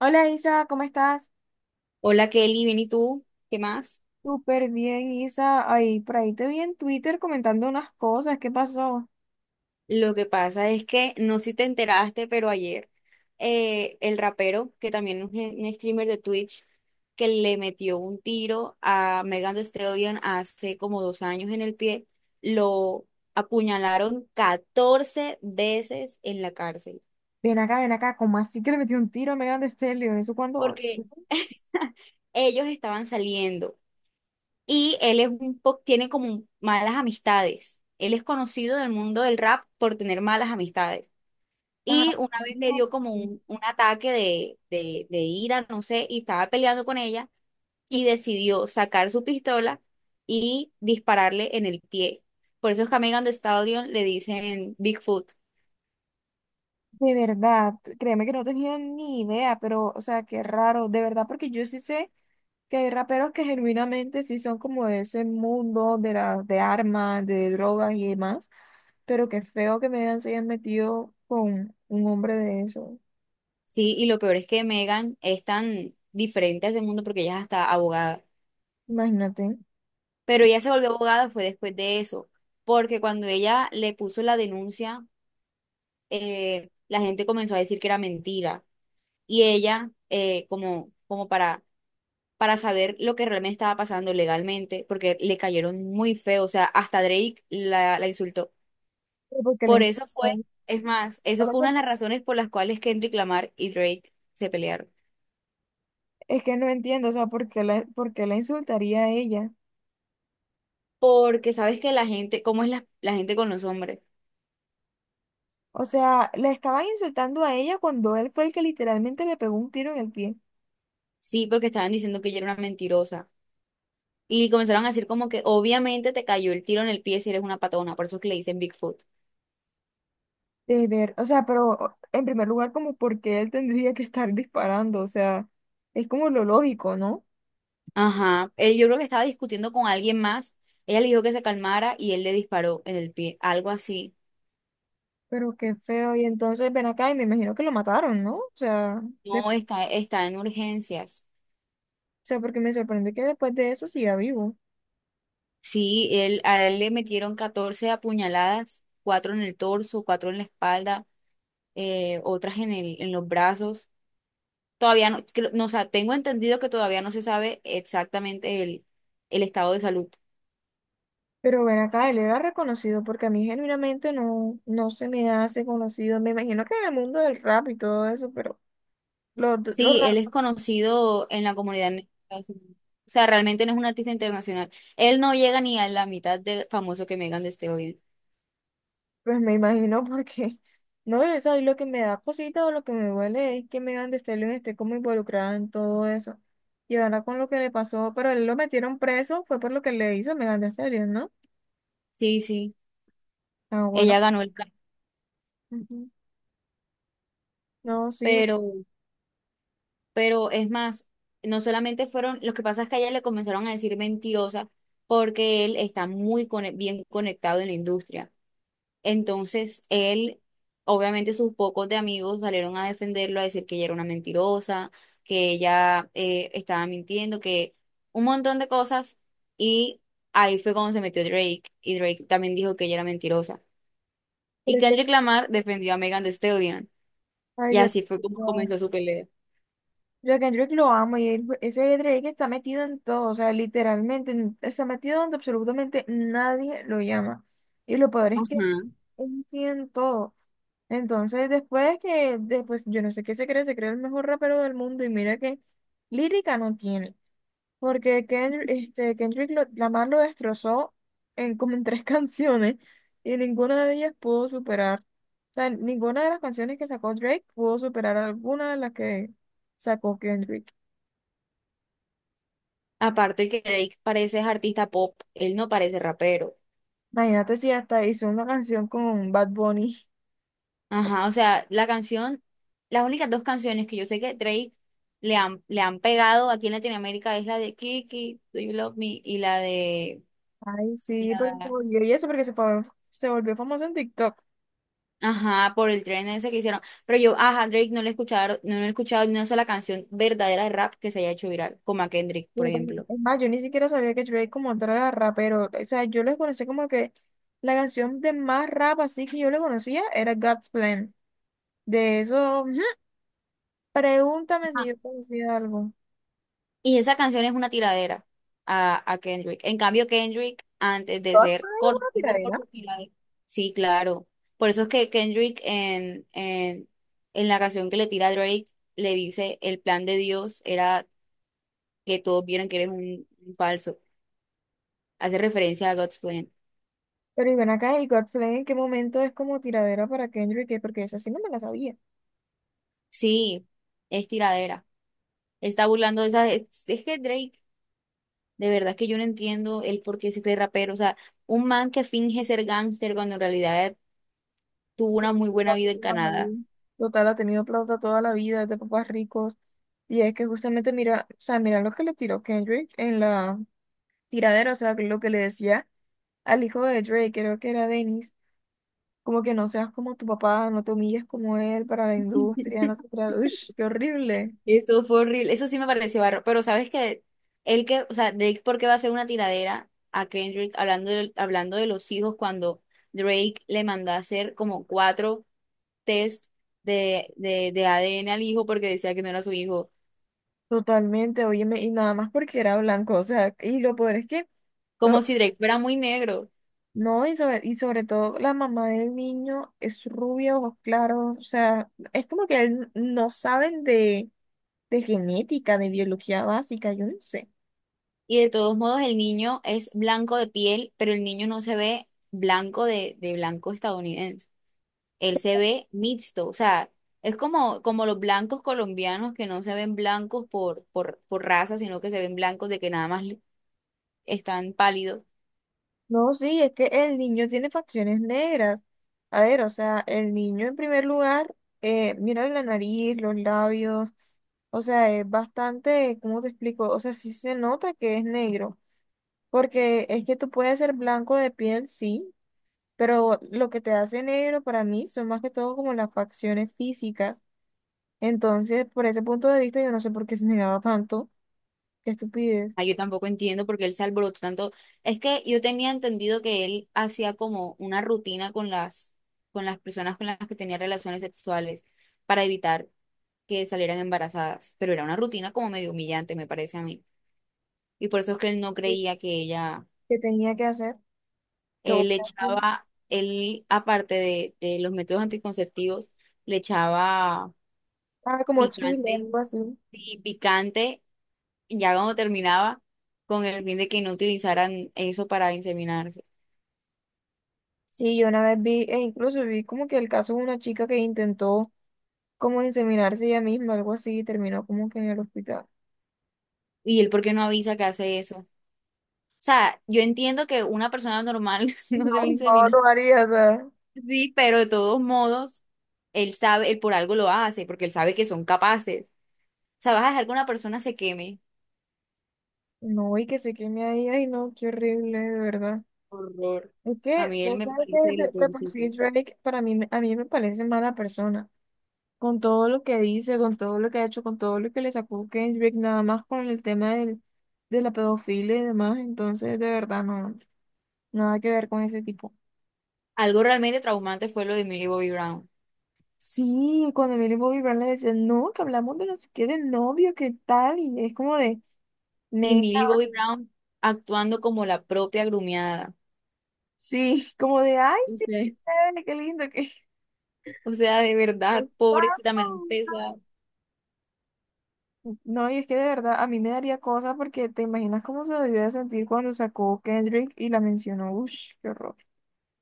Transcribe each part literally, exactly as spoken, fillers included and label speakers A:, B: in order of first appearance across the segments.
A: Hola Isa, ¿cómo estás?
B: Hola Kelly, bien, ¿y tú? ¿Qué más?
A: Súper bien, Isa. Ay, por ahí te vi en Twitter comentando unas cosas. ¿Qué pasó?
B: Lo que pasa es que no sé si te enteraste, pero ayer eh, el rapero, que también es un, un streamer de Twitch, que le metió un tiro a Megan Thee Stallion hace como dos años en el pie, lo apuñalaron catorce veces en la cárcel,
A: Ven acá, ven acá, ¿cómo así que le metió un tiro a Megan Thee Stallion? ¿Eso cuando...
B: porque ellos estaban saliendo y él es un po- tiene como malas amistades. Él es conocido del mundo del rap por tener malas amistades.
A: Ah,
B: Y una vez le dio como un, un ataque de, de, de ira, no sé, y estaba peleando con ella y decidió sacar su pistola y dispararle en el pie. Por eso es que a Megan Thee Stallion le dicen Bigfoot.
A: de verdad, créeme que no tenía ni idea, pero, o sea, qué raro, de verdad, porque yo sí sé que hay raperos que genuinamente sí son como de ese mundo de las de armas, de drogas y demás, pero qué feo que Megan se haya metido con un hombre de eso.
B: Sí, y lo peor es que Megan es tan diferente a ese mundo porque ella es hasta abogada.
A: Imagínate.
B: Pero ella se volvió abogada fue después de eso, porque cuando ella le puso la denuncia, eh, la gente comenzó a decir que era mentira. Y ella, eh, como, como para para saber lo que realmente estaba pasando legalmente, porque le cayeron muy feo, o sea, hasta Drake la, la insultó.
A: Porque le
B: Por eso fue,
A: insultó.
B: es más, eso fue una de las razones por las cuales Kendrick Lamar y Drake se pelearon.
A: Es que no entiendo, o sea, ¿por qué la, por qué la insultaría a ella?
B: Porque sabes que la gente, ¿cómo es la, la gente con los hombres?
A: O sea, la estaba insultando a ella cuando él fue el que literalmente le pegó un tiro en el pie.
B: Sí, porque estaban diciendo que ella era una mentirosa. Y comenzaron a decir como que obviamente te cayó el tiro en el pie si eres una patona, por eso es que le dicen Bigfoot.
A: De ver, o sea, pero en primer lugar, como porque él tendría que estar disparando, o sea, es como lo lógico, ¿no?
B: Ajá, él yo creo que estaba discutiendo con alguien más, ella le dijo que se calmara y él le disparó en el pie, algo así.
A: Pero qué feo, y entonces ven acá y me imagino que lo mataron, ¿no? O sea, de-
B: No,
A: o
B: está, está en urgencias.
A: sea, porque me sorprende que después de eso siga vivo.
B: Sí, él, a él le metieron catorce apuñaladas, cuatro en el torso, cuatro en la espalda, eh, otras en el, en los brazos. Todavía no, creo- no, o sea, tengo entendido que todavía no se sabe exactamente el, el estado de salud.
A: Pero ven acá, él era reconocido porque a mí genuinamente no, no se me hace conocido. Me imagino que en el mundo del rap y todo eso, pero los, los
B: Sí, él
A: rap,
B: es conocido en la comunidad en Estados Unidos. O sea, realmente no es un artista internacional. Él no llega ni a la mitad de famoso que Megan Thee Stallion.
A: pues me imagino porque, no, eso ahí lo que me da cosita o lo que me duele es que Megan Thee Stallion esté como involucrada en todo eso. Y ahora con lo que le pasó, pero él lo metieron preso, fue por lo que le hizo a Megan Thee Stallion, ¿no?
B: Sí, sí,
A: Ah, bueno.
B: ella ganó el Grammy,
A: Ujú. No, sí, pero
B: pero pero es más, no solamente fueron, lo que pasa es que a ella le comenzaron a decir mentirosa porque él está muy cone- bien conectado en la industria. Entonces, él, obviamente sus pocos de amigos salieron a defenderlo, a decir que ella era una mentirosa, que ella eh, estaba mintiendo, que un montón de cosas. Y ahí fue cuando se metió Drake y Drake también dijo que ella era mentirosa. Y
A: es que,
B: Kendrick Lamar defendió a Megan Thee Stallion.
A: ay,
B: Y
A: yo,
B: así fue como comenzó su pelea.
A: Yo a Kendrick lo amo y él- ese Drake está metido en todo, o sea, literalmente en- está metido donde absolutamente nadie lo llama. Y lo peor es
B: Ajá.
A: que él tiene en todo. Entonces, después que, después, yo no sé qué se cree, se cree el mejor rapero del mundo y mira que lírica no tiene, porque Kendrick, este, Kendrick lo- Lamar lo destrozó en como en tres canciones y ninguna de ellas pudo superar. O sea, ninguna de las canciones que sacó Drake pudo superar alguna de las que sacó Kendrick.
B: Aparte que Drake parece es artista pop, él no parece rapero.
A: Imagínate si hasta hizo una canción con Bad Bunny.
B: Ajá, o sea, la canción, las únicas dos canciones que yo sé que Drake le han, le han pegado aquí en Latinoamérica es la de Kiki, Do You Love Me, y la de...
A: Ay, sí, porque se
B: la-
A: volvió, y eso porque se, fue- se volvió famoso en TikTok.
B: Ajá, por el tren ese que hicieron. Pero yo, ajá, Drake no le he escuchado, no le he escuchado ni una sola canción verdadera de rap que se haya hecho viral, como a Kendrick, por
A: Pero
B: ejemplo.
A: Es más, yo ni siquiera sabía que Drake como tal era rapero. O sea, yo les conocí como que la canción de más rap así que yo le conocía era God's Plan. De eso, ujú, pregúntame si yo conocía algo.
B: Y esa canción es una tiradera a, a Kendrick. En cambio, Kendrick, antes de
A: God's
B: ser
A: Plan es una
B: conocido por
A: tiradera.
B: su tiradera, sí, claro. Por eso es que Kendrick en, en, en la canción que le tira a Drake, le dice, el plan de Dios era que todos vieran que eres un, un falso. Hace referencia a God's Plan.
A: Pero y ven acá, ¿y God's Plan en qué momento es como tiradera para Kendrick? ¿Qué? Porque esa sí no me la sabía.
B: Sí, es tiradera. Está burlando de esa... Es, es que Drake, de verdad que yo no entiendo el por qué se cree rapero. O sea, un man que finge ser gángster cuando en realidad tuvo una muy buena vida en Canadá.
A: Ahí. Total, ha tenido plata toda la vida, es de papás ricos. Y es que justamente mira, o sea, mira lo que le tiró Kendrick en la tiradera, o sea, lo que le decía al hijo de Drake, creo que era Dennis, como que no seas como tu papá, no te humilles como él para la industria, no sé, qué era. Ush, qué horrible.
B: Eso fue horrible. Eso sí me pareció barro. Pero sabes que él que, o sea, Drake, ¿por qué va a hacer una tiradera a Kendrick hablando de, hablando de los hijos cuando Drake le mandó a hacer como cuatro test de, de, de A D N al hijo porque decía que no era su hijo?
A: Totalmente, óyeme, y nada más porque era blanco, o sea, y lo peor es que, o,
B: Como si Drake fuera muy negro.
A: no, y sobre, y sobre todo la mamá del niño es rubia, ojos claros, o sea, es como que él- no saben de, de genética, de biología básica, yo no sé.
B: Y de todos modos, el niño es blanco de piel, pero el niño no se ve blanco de, de blanco estadounidense. Él se ve mixto, o sea, es como, como los blancos colombianos que no se ven blancos por, por, por raza, sino que se ven blancos de que nada más li- están pálidos.
A: No, sí, es que el niño tiene facciones negras. A ver, o sea, el niño en primer lugar, eh, mira la nariz, los labios, o sea, es bastante, ¿cómo te explico? O sea, sí se nota que es negro, porque es que tú puedes ser blanco de piel, sí, pero lo que te hace negro para mí son más que todo como las facciones físicas. Entonces, por ese punto de vista, yo no sé por qué se negaba tanto. Qué estupidez.
B: Ah, yo tampoco entiendo por qué él se alborotó tanto. Es que yo tenía entendido que él hacía como una rutina con las, con las personas con las que tenía relaciones sexuales para evitar que salieran embarazadas, pero era una rutina como medio humillante, me parece a mí. Y por eso es que él no creía que ella.
A: ¿Qué tenía que hacer? Que
B: Él le
A: votasen.
B: echaba, él, aparte de, de los métodos anticonceptivos, le echaba
A: Ah, como Chile,
B: picante
A: algo así.
B: y picante ya cuando terminaba, con el fin de que no utilizaran eso para inseminarse.
A: Sí, yo una vez vi, e incluso vi como que el caso de una chica que intentó como inseminarse ella misma, algo así, y terminó como que en el hospital.
B: ¿Y él por qué no avisa que hace eso? O sea, yo entiendo que una persona normal no se va
A: No,
B: a
A: no,
B: inseminar.
A: no haría, o sea.
B: Sí, pero de todos modos, él sabe, él por algo lo hace, porque él sabe que son capaces. O sea, vas a dejar que una persona se queme.
A: No, y que se queme ahí, ay no, qué horrible, de verdad.
B: Horror.
A: Es
B: A
A: que,
B: mí él
A: o
B: me
A: sea, que
B: parece de
A: de,
B: lo
A: de por
B: peorcito.
A: sí Drake para mí, me- a mí me parece mala persona. Con todo lo que dice, con todo lo que ha hecho, con todo lo que le sacó Kendrick, nada más con el tema del, de la pedofilia y demás. Entonces, de verdad, no, nada que ver con ese tipo.
B: Algo realmente traumante fue lo de Millie Bobby Brown.
A: Sí, cuando Millie Bobby Brown le decía no, que hablamos de no sé qué, de novio, qué tal, y es como de,
B: Y
A: neta,
B: Millie Bobby Brown actuando como la propia grumiada.
A: sí, como de, ay,
B: O
A: sí,
B: sea,
A: qué chévere, qué lindo, que...
B: o sea, de verdad, pobrecita, me da un pesar.
A: No, y es que de verdad a mí me daría cosa porque te imaginas cómo se debió de sentir cuando sacó Kendrick y la mencionó. Ush, qué horror.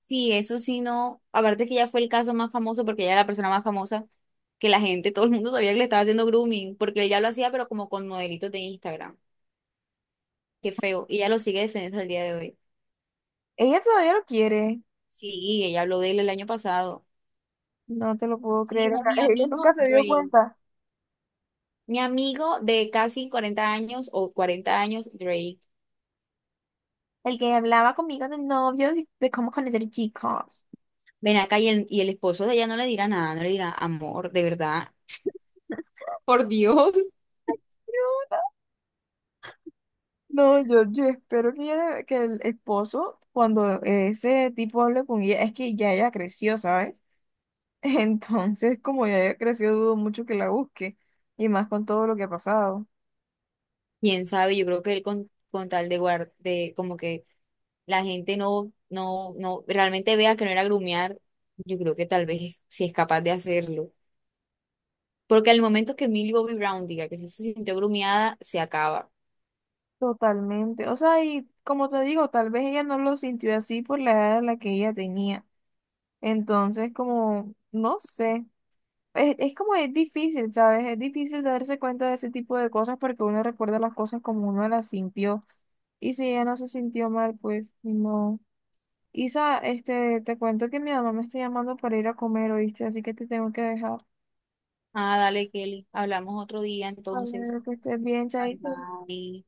B: Sí, eso sí no. Aparte que ella fue el caso más famoso porque ella era la persona más famosa que la gente, todo el mundo sabía que le estaba haciendo grooming, porque ella lo hacía pero como con modelitos de Instagram. Qué feo. Y ella lo sigue defendiendo al día de hoy.
A: Ella todavía lo quiere.
B: Sí, ella habló de él el año pasado.
A: No te lo puedo
B: Y
A: creer. O
B: dijo,
A: sea,
B: mi
A: ella
B: amigo
A: nunca se dio
B: Dre.
A: cuenta.
B: Mi amigo de casi cuarenta años o cuarenta años, Dre.
A: El que hablaba conmigo de novios y de cómo conocer chicos.
B: Ven acá y el, y el esposo de ella no le dirá nada, no le dirá amor, de verdad. Por Dios.
A: No, yo, yo espero que, ella de- que el esposo, cuando ese tipo hable con ella, es que ya ella creció, ¿sabes? Entonces, como ya ella creció, dudo mucho que la busque. Y más con todo lo que ha pasado.
B: Quién sabe, yo creo que él con, con tal de guardar, de como que la gente no, no, no, realmente vea que no era grumear, yo creo que tal vez si es capaz de hacerlo. Porque al momento que Millie Bobby Brown diga que sí se sintió grumeada, se acaba.
A: Totalmente. O sea, y como te digo, tal vez ella no lo sintió así por la edad a la que ella tenía. Entonces, como, no sé. Es, es como es difícil, ¿sabes? Es difícil darse cuenta de ese tipo de cosas porque uno recuerda las cosas como uno las sintió. Y si ella no se sintió mal, pues no. Isa, este, te cuento que mi mamá me está llamando para ir a comer, ¿oíste? Así que te tengo que dejar.
B: Ah, dale, Kelly, hablamos otro día entonces.
A: Vale, que estés bien,
B: Bye
A: Chaito.
B: bye.